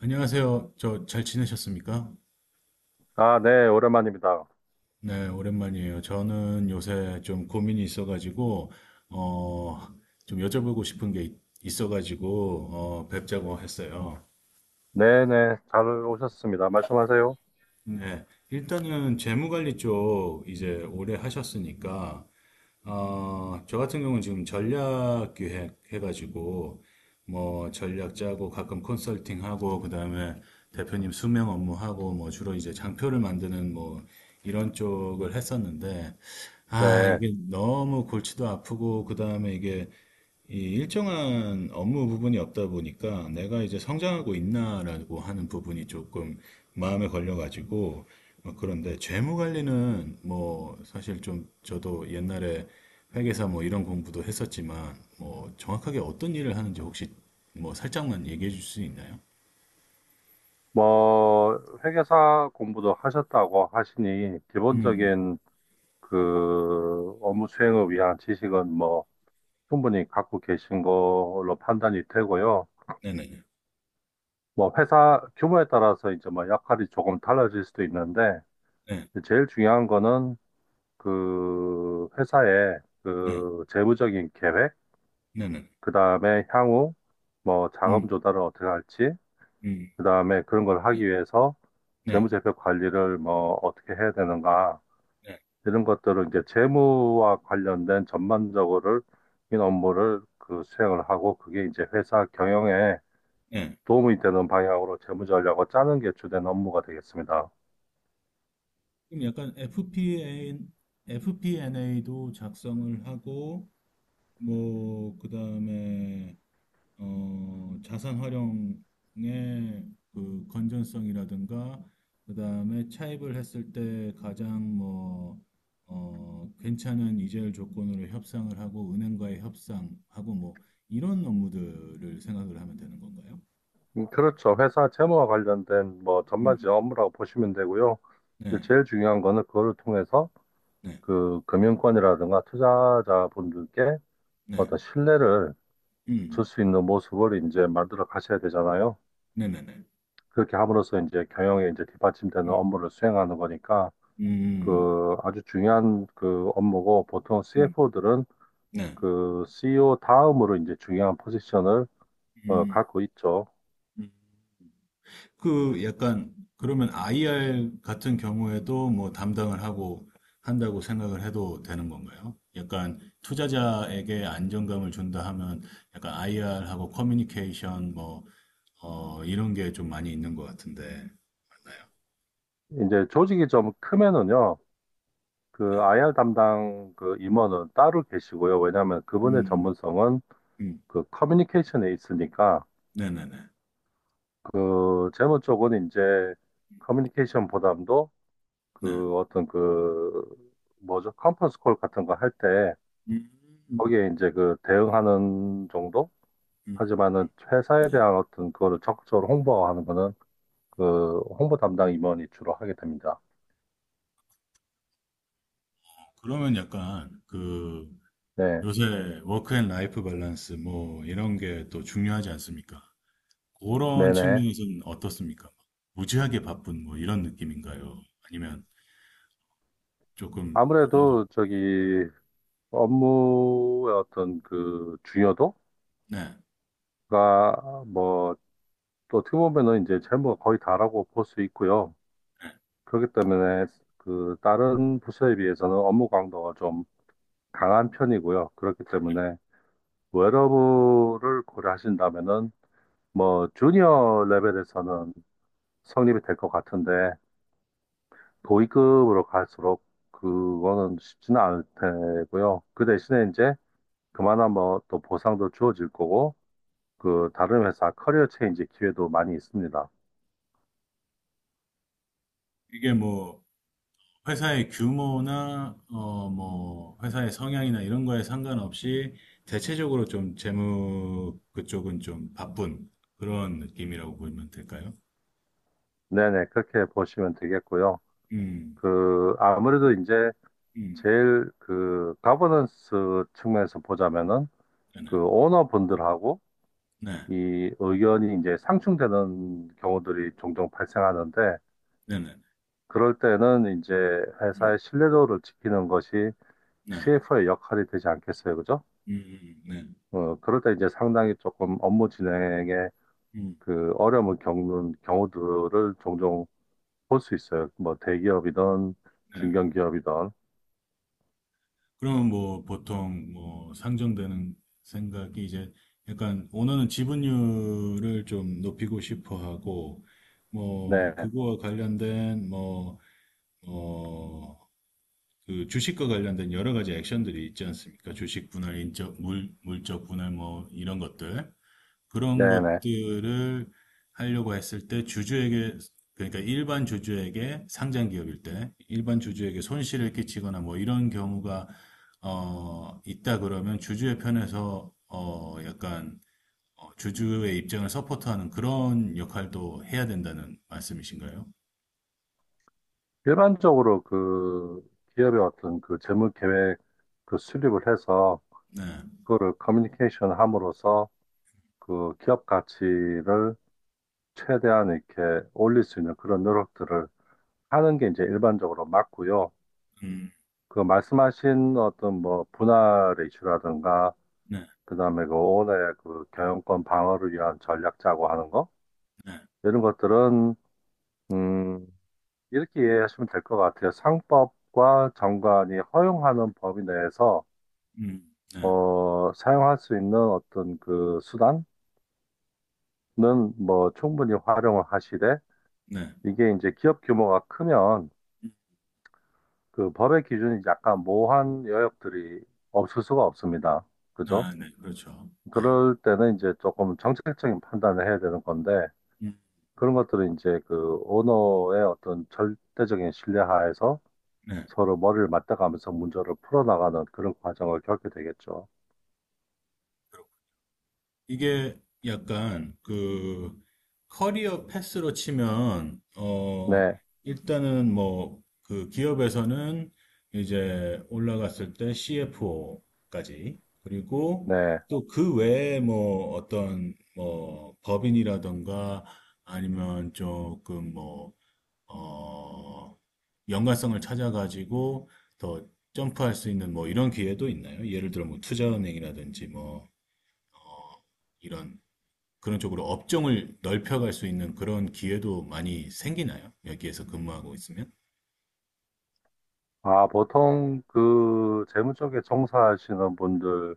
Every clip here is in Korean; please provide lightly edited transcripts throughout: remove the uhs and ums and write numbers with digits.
안녕하세요. 저 잘 지내셨습니까? 아, 네, 오랜만입니다. 네, 오랜만이에요. 저는 요새 좀 고민이 있어가지고, 어, 좀 여쭤보고 싶은 게 있어가지고, 뵙자고 했어요. 네네, 잘 오셨습니다. 말씀하세요. 네, 일단은 재무관리 쪽 이제 오래 하셨으니까, 저 같은 경우는 지금 전략 기획 해가지고, 뭐, 전략 짜고, 가끔 컨설팅하고, 그 다음에 대표님 수명 업무하고, 뭐, 주로 이제 장표를 만드는 뭐, 이런 쪽을 했었는데, 아, 네, 이게 너무 골치도 아프고, 그 다음에 이게 이 일정한 업무 부분이 없다 보니까 내가 이제 성장하고 있나라고 하는 부분이 조금 마음에 걸려가지고, 그런데 재무 관리는 뭐 사실 좀 저도 옛날에 회계사 뭐 이런 공부도 했었지만 뭐 정확하게 어떤 일을 하는지 혹시 뭐 살짝만 얘기해 줄 수 있나요? 뭐, 회계사 공부도 하셨다고 하시니, 음, 기본적인 그 업무 수행을 위한 지식은 뭐, 충분히 갖고 계신 걸로 판단이 되고요. 네네, 뭐, 회사 규모에 따라서 이제 뭐, 역할이 조금 달라질 수도 있는데, 네, 제일 중요한 거는 그 회사의 네, 그 재무적인 계획, 네네, 그 다음에 향후, 뭐 자금 음, 조달을 어떻게 할지 음, 그 다음에 그런 걸 네, 하기 위해서 네, 재무제표 관리를 뭐 어떻게 해야 되는가 네, 이런 것들을 이제 재무와 관련된 전반적으로 인 업무를 그 수행을 하고 그게 이제 회사 경영에 네. 도움이 되는 방향으로 재무 전략을 짜는 게 주된 업무가 되겠습니다. 그럼 약간 FPNA도 작성을 하고, 뭐, 그다음에 자산 활용의 그 건전성이라든가, 그다음에 차입을 했을 때 가장 뭐, 괜찮은 이자율 조건으로 협상을 하고, 은행과의 협상하고, 뭐 이런 업무들을 생각을 하면 되는 건가요? 그렇죠. 회사 재무와 관련된 뭐 음. 전반적인 업무라고 보시면 되고요. 이제 네. 제일 중요한 거는 그거를 통해서 네. 그 금융권이라든가 투자자분들께 네. 어떤 신뢰를 줄 음. 수 있는 모습을 이제 만들어 가셔야 되잖아요. 네네네. 그렇게 함으로써 이제 경영에 이제 뒷받침되는 음. 업무를 수행하는 거니까 음. 음. 그 아주 중요한 그 업무고 보통 음. CFO들은 네. 그 CEO 다음으로 이제 중요한 포지션을 음. 갖고 있죠. 음. 그 약간 그러면 IR 같은 경우에도 뭐 담당을 하고 한다고 생각을 해도 되는 건가요? 약간 투자자에게 안정감을 준다 하면, 약간 IR하고 커뮤니케이션, 뭐, 이런 게 좀 많이 있는 것 같은데, 맞나요? 이제 조직이 좀 크면은요. 그 IR 담당 그 임원은 따로 계시고요. 왜냐하면 그분의 음, 전문성은 음, 그 커뮤니케이션에 있으니까 네네네, 그 재무 쪽은 이제 커뮤니케이션 보담도 네. 그 어떤 그 뭐죠? 컨퍼런스 콜 같은 거 할 때 음, 음, 거기에 이제 그 대응하는 정도? 음. 하지만은 회사에 예. 대한 어떤 그거를 적극적으로 홍보하는 거는 그 홍보 담당 임원이 주로 하게 됩니다. 그러면 약간 그, 네, 요새 워크앤라이프 밸런스 뭐 이런 게 또 중요하지 않습니까? 그런 네네. 측면에서는 어떻습니까? 무지하게 바쁜 뭐 이런 느낌인가요? 아니면 조금 어느 정도- 아무래도 저기 업무의 어떤 그 중요도가 네. 뭐 또 어떻게 보면은 이제 재무가 거의 다라고 볼 수 있고요. 그렇기 때문에 그 다른 부서에 비해서는 업무 강도가 좀 강한 편이고요. 그렇기 때문에 웨러블을 고려하신다면은 뭐 주니어 레벨에서는 성립이 될 것 같은데 고위급으로 갈수록 그거는 쉽지는 않을 테고요. 그 대신에 이제 그만한 뭐 또 보상도 주어질 거고 그 다른 회사 커리어 체인지 기회도 많이 있습니다. 이게 뭐, 회사의 규모나 뭐 회사의 성향이나 이런 거에 상관없이 대체적으로 좀 재무 그쪽은 좀 바쁜 그런 느낌이라고 보면 될까요? 네네 그렇게 보시면 되겠고요. 음, 그 아무래도 이제 음, 제일 그 가버넌스 측면에서 보자면은 네네, 그 오너분들하고 네, 이 의견이 이제 상충되는 경우들이 종종 발생하는데 네네, 그럴 때는 이제 음, 회사의 신뢰도를 지키는 것이 네, CFO의 역할이 되지 않겠어요, 그죠? 음, 네, 그럴 때 이제 상당히 조금 업무 진행에 음, 그 어려움을 겪는 경우들을 종종 볼 수 있어요. 뭐 대기업이든 네. 중견기업이든. 그러면 뭐, 보통 뭐 상정되는 생각이, 이제 약간 오너는 지분율을 좀 높이고 싶어 하고, 네, 뭐 그거와 관련된 뭐어그 주식과 관련된 여러 가지 액션들이 있지 않습니까? 주식 분할, 인적, 물적 분할 뭐 이런 것들. 네, 그런 네. 것들을 하려고 했을 때 주주에게, 그러니까 일반 주주에게, 상장 기업일 때 일반 주주에게 손실을 끼치거나 뭐 이런 경우가 있다 그러면, 주주의 편에서 주주의 입장을 서포트하는 그런 역할도 해야 된다는 말씀이신가요? 일반적으로 그 기업의 어떤 그 재무 계획 그 수립을 해서 네. 그거를 커뮤니케이션 함으로써 그 기업 가치를 최대한 이렇게 올릴 수 있는 그런 노력들을 하는 게 이제 일반적으로 맞고요. 음. 그 말씀하신 어떤 뭐 분할의 이슈라든가 네. 그다음에 그 오온의 그 경영권 방어를 위한 전략 짜고 하는 거 네. 이런 것들은 음 이렇게 이해하시면 될 것 같아요. 상법과 정관이 허용하는 범위 내에서 음. 네. 사용할 수 있는 어떤 그 수단은 뭐 충분히 활용을 하시되 네. 이게 이제 기업 규모가 크면 그 법의 기준이 약간 모호한 여역들이 없을 수가 없습니다. 그죠? 아, 네. 그렇죠. 네. 그럴 때는 이제 조금 정책적인 판단을 해야 되는 건데, 음. 그런 것들은 이제 그 오너의 어떤 절대적인 신뢰하에서 네. 서로 머리를 맞대가면서 문제를 풀어나가는 그런 과정을 겪게 되겠죠. 이게 약간 그 커리어 패스로 치면, 네, 일단은 뭐 그 기업에서는 이제 올라갔을 때 CFO까지, 그리고 네. 또 그 외에 뭐 어떤 뭐 법인이라던가 아니면 조금 뭐어 연관성을 찾아가지고 더 점프할 수 있는 뭐 이런 기회도 있나요? 예를 들어 뭐 투자은행이라든지 뭐, 이런 그런 쪽으로 업종을 넓혀갈 수 있는 그런 기회도 많이 생기나요? 여기에서 근무하고 있으면? 아, 보통 그 재무 쪽에 종사하시는 분들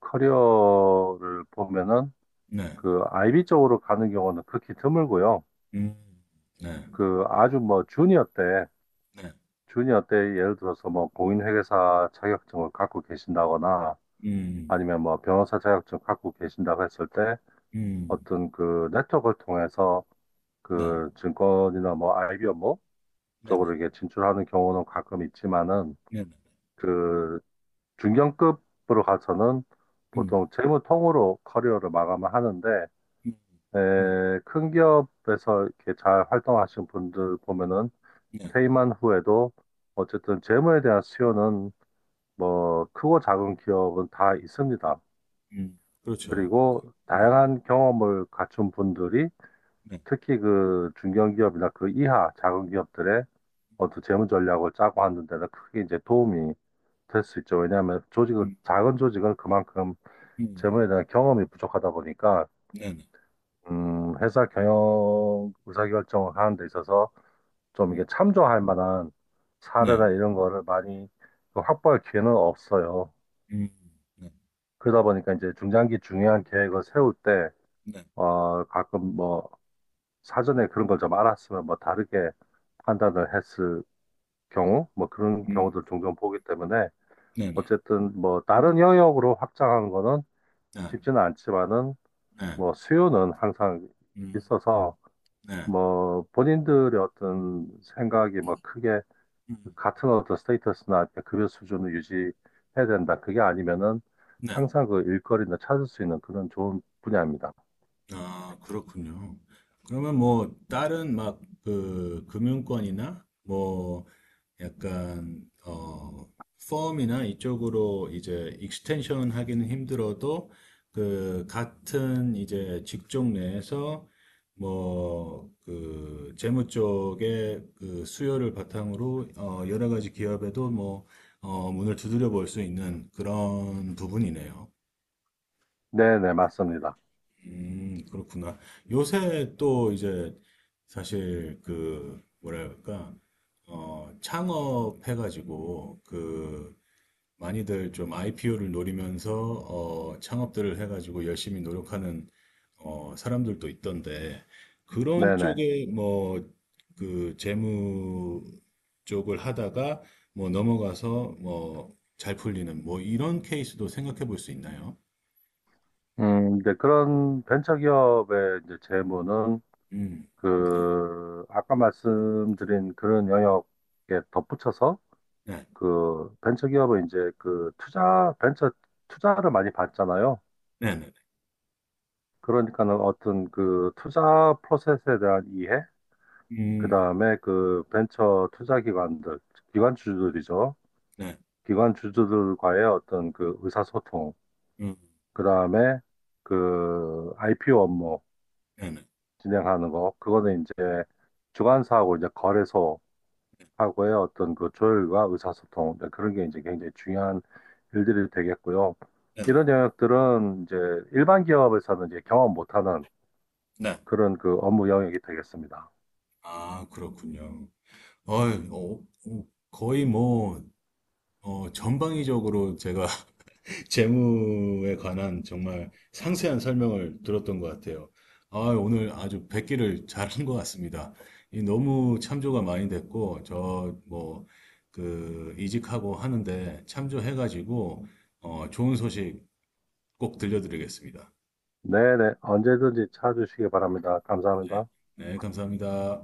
커리어를 보면은 네. 그 IB 쪽으로 가는 경우는 극히 드물고요. 음, 네. 그 아주 뭐 주니어 때 네. 준이 어때? 예를 들어서 뭐 공인회계사 자격증을 갖고 계신다거나 음, 아니면 뭐 변호사 자격증 갖고 계신다고 했을 때 음, 어떤 그 네트워크를 통해서 네. 그 증권이나 뭐 IB 업무 네, 쪽으로 네. 이게 진출하는 경우는 가끔 있지만은 네, 네. 그 중견급으로 가서는 음, 보통 재무통으로 커리어를 마감을 하는데 음, 음, 에, 큰 기업에서 이렇게 잘 활동하신 분들 보면은 네. 퇴임한 후에도 어쨌든 재무에 대한 수요는 뭐 크고 작은 기업은 다 있습니다. 그렇죠. 그리고 네. 다양한 경험을 갖춘 분들이 네. 특히 그 중견기업이나 그 이하 작은 기업들의 어떤 재무 전략을 짜고 하는 데는 크게 이제 도움이 될 수 있죠. 왜냐하면 조직은 음, 작은 조직은 그만큼 음, 재무에 대한 경험이 부족하다 보니까 네, 네. 회사 경영 의사결정을 하는 데 있어서 좀 음, 이게 참조할 만한 네. 사례나 이런 거를 많이 그 확보할 기회는 없어요. 음, 네. 그러다 보니까 이제 중장기 중요한 계획을 세울 때, 네. 가끔 뭐, 사전에 그런 걸 좀 알았으면 뭐 다르게 판단을 했을 경우, 뭐 그런 음, 경우도 종종 보기 때문에, 네, 네. 어쨌든 뭐 음, 다른 영역으로 확장하는 거는 네. 쉽지는 않지만은, 네. 뭐 수요는 항상 음, 있어서, 네. 뭐 본인들의 어떤 생각이 뭐 크게 음, 같은 어떤 스테이터스나 급여 수준을 유지해야 된다. 그게 아니면은 네. 항상 그 일거리는 찾을 수 있는 그런 좋은 분야입니다. 아, 그렇군요. 그러면 뭐, 다른 막 그 금융권이나 뭐, 약간 펌이나 이쪽으로 이제 익스텐션 하기는 힘들어도, 그 같은 이제 직종 내에서 뭐 그 재무 쪽의 그 수요를 바탕으로 여러 가지 기업에도 뭐 문을 두드려 볼 수 있는 그런 부분이네요. 네네, 맞습니다. 그렇구나. 요새 또 이제, 사실 그 뭐랄까, 창업해가지고 그 많이들 좀 IPO를 노리면서, 창업들을 해가지고 열심히 노력하는, 사람들도 있던데, 그런 네네. 쪽에 뭐 그 재무 쪽을 하다가 뭐 넘어가서 뭐 잘 풀리는 뭐 이런 케이스도 생각해 볼 수 있나요? 이제 그런 벤처기업의 이제 재무는 음, 그, 아까 말씀드린 그런 영역에 덧붙여서 네, 그 벤처기업은 이제 그 투자, 벤처 투자를 많이 받잖아요. 네, 네. 그러니까는 어떤 그 투자 프로세스에 대한 이해, 그 네. 다음에 그 벤처 투자 기관들, 기관 주주들이죠. 네. 기관 주주들과의 어떤 그 의사소통, 음. 그 다음에 그 IPO 업무, 네네. 진행하는 거 그거는 이제 주관사하고 이제 거래소하고의 어떤 그 조율과 의사소통 네, 그런 게 이제 굉장히 중요한 일들이 되겠고요. 네네. 이런 영역들은 이제 일반 기업에서는 이제 경험 못하는 네. 그런 그 업무 영역이 되겠습니다. 아, 그렇군요. 어이, 어, 어, 거의 뭐, 전방위적으로 제가 재무에 관한 정말 상세한 설명을 들었던 것 같아요. 아, 오늘 아주 뵙기를 잘한 것 같습니다. 이 너무 참조가 많이 됐고, 저, 뭐, 그, 이직하고 하는데 참조해가지고, 좋은 소식 꼭 들려드리겠습니다. 네네 언제든지 찾아주시기 바랍니다. 감사합니다. 네, 감사합니다.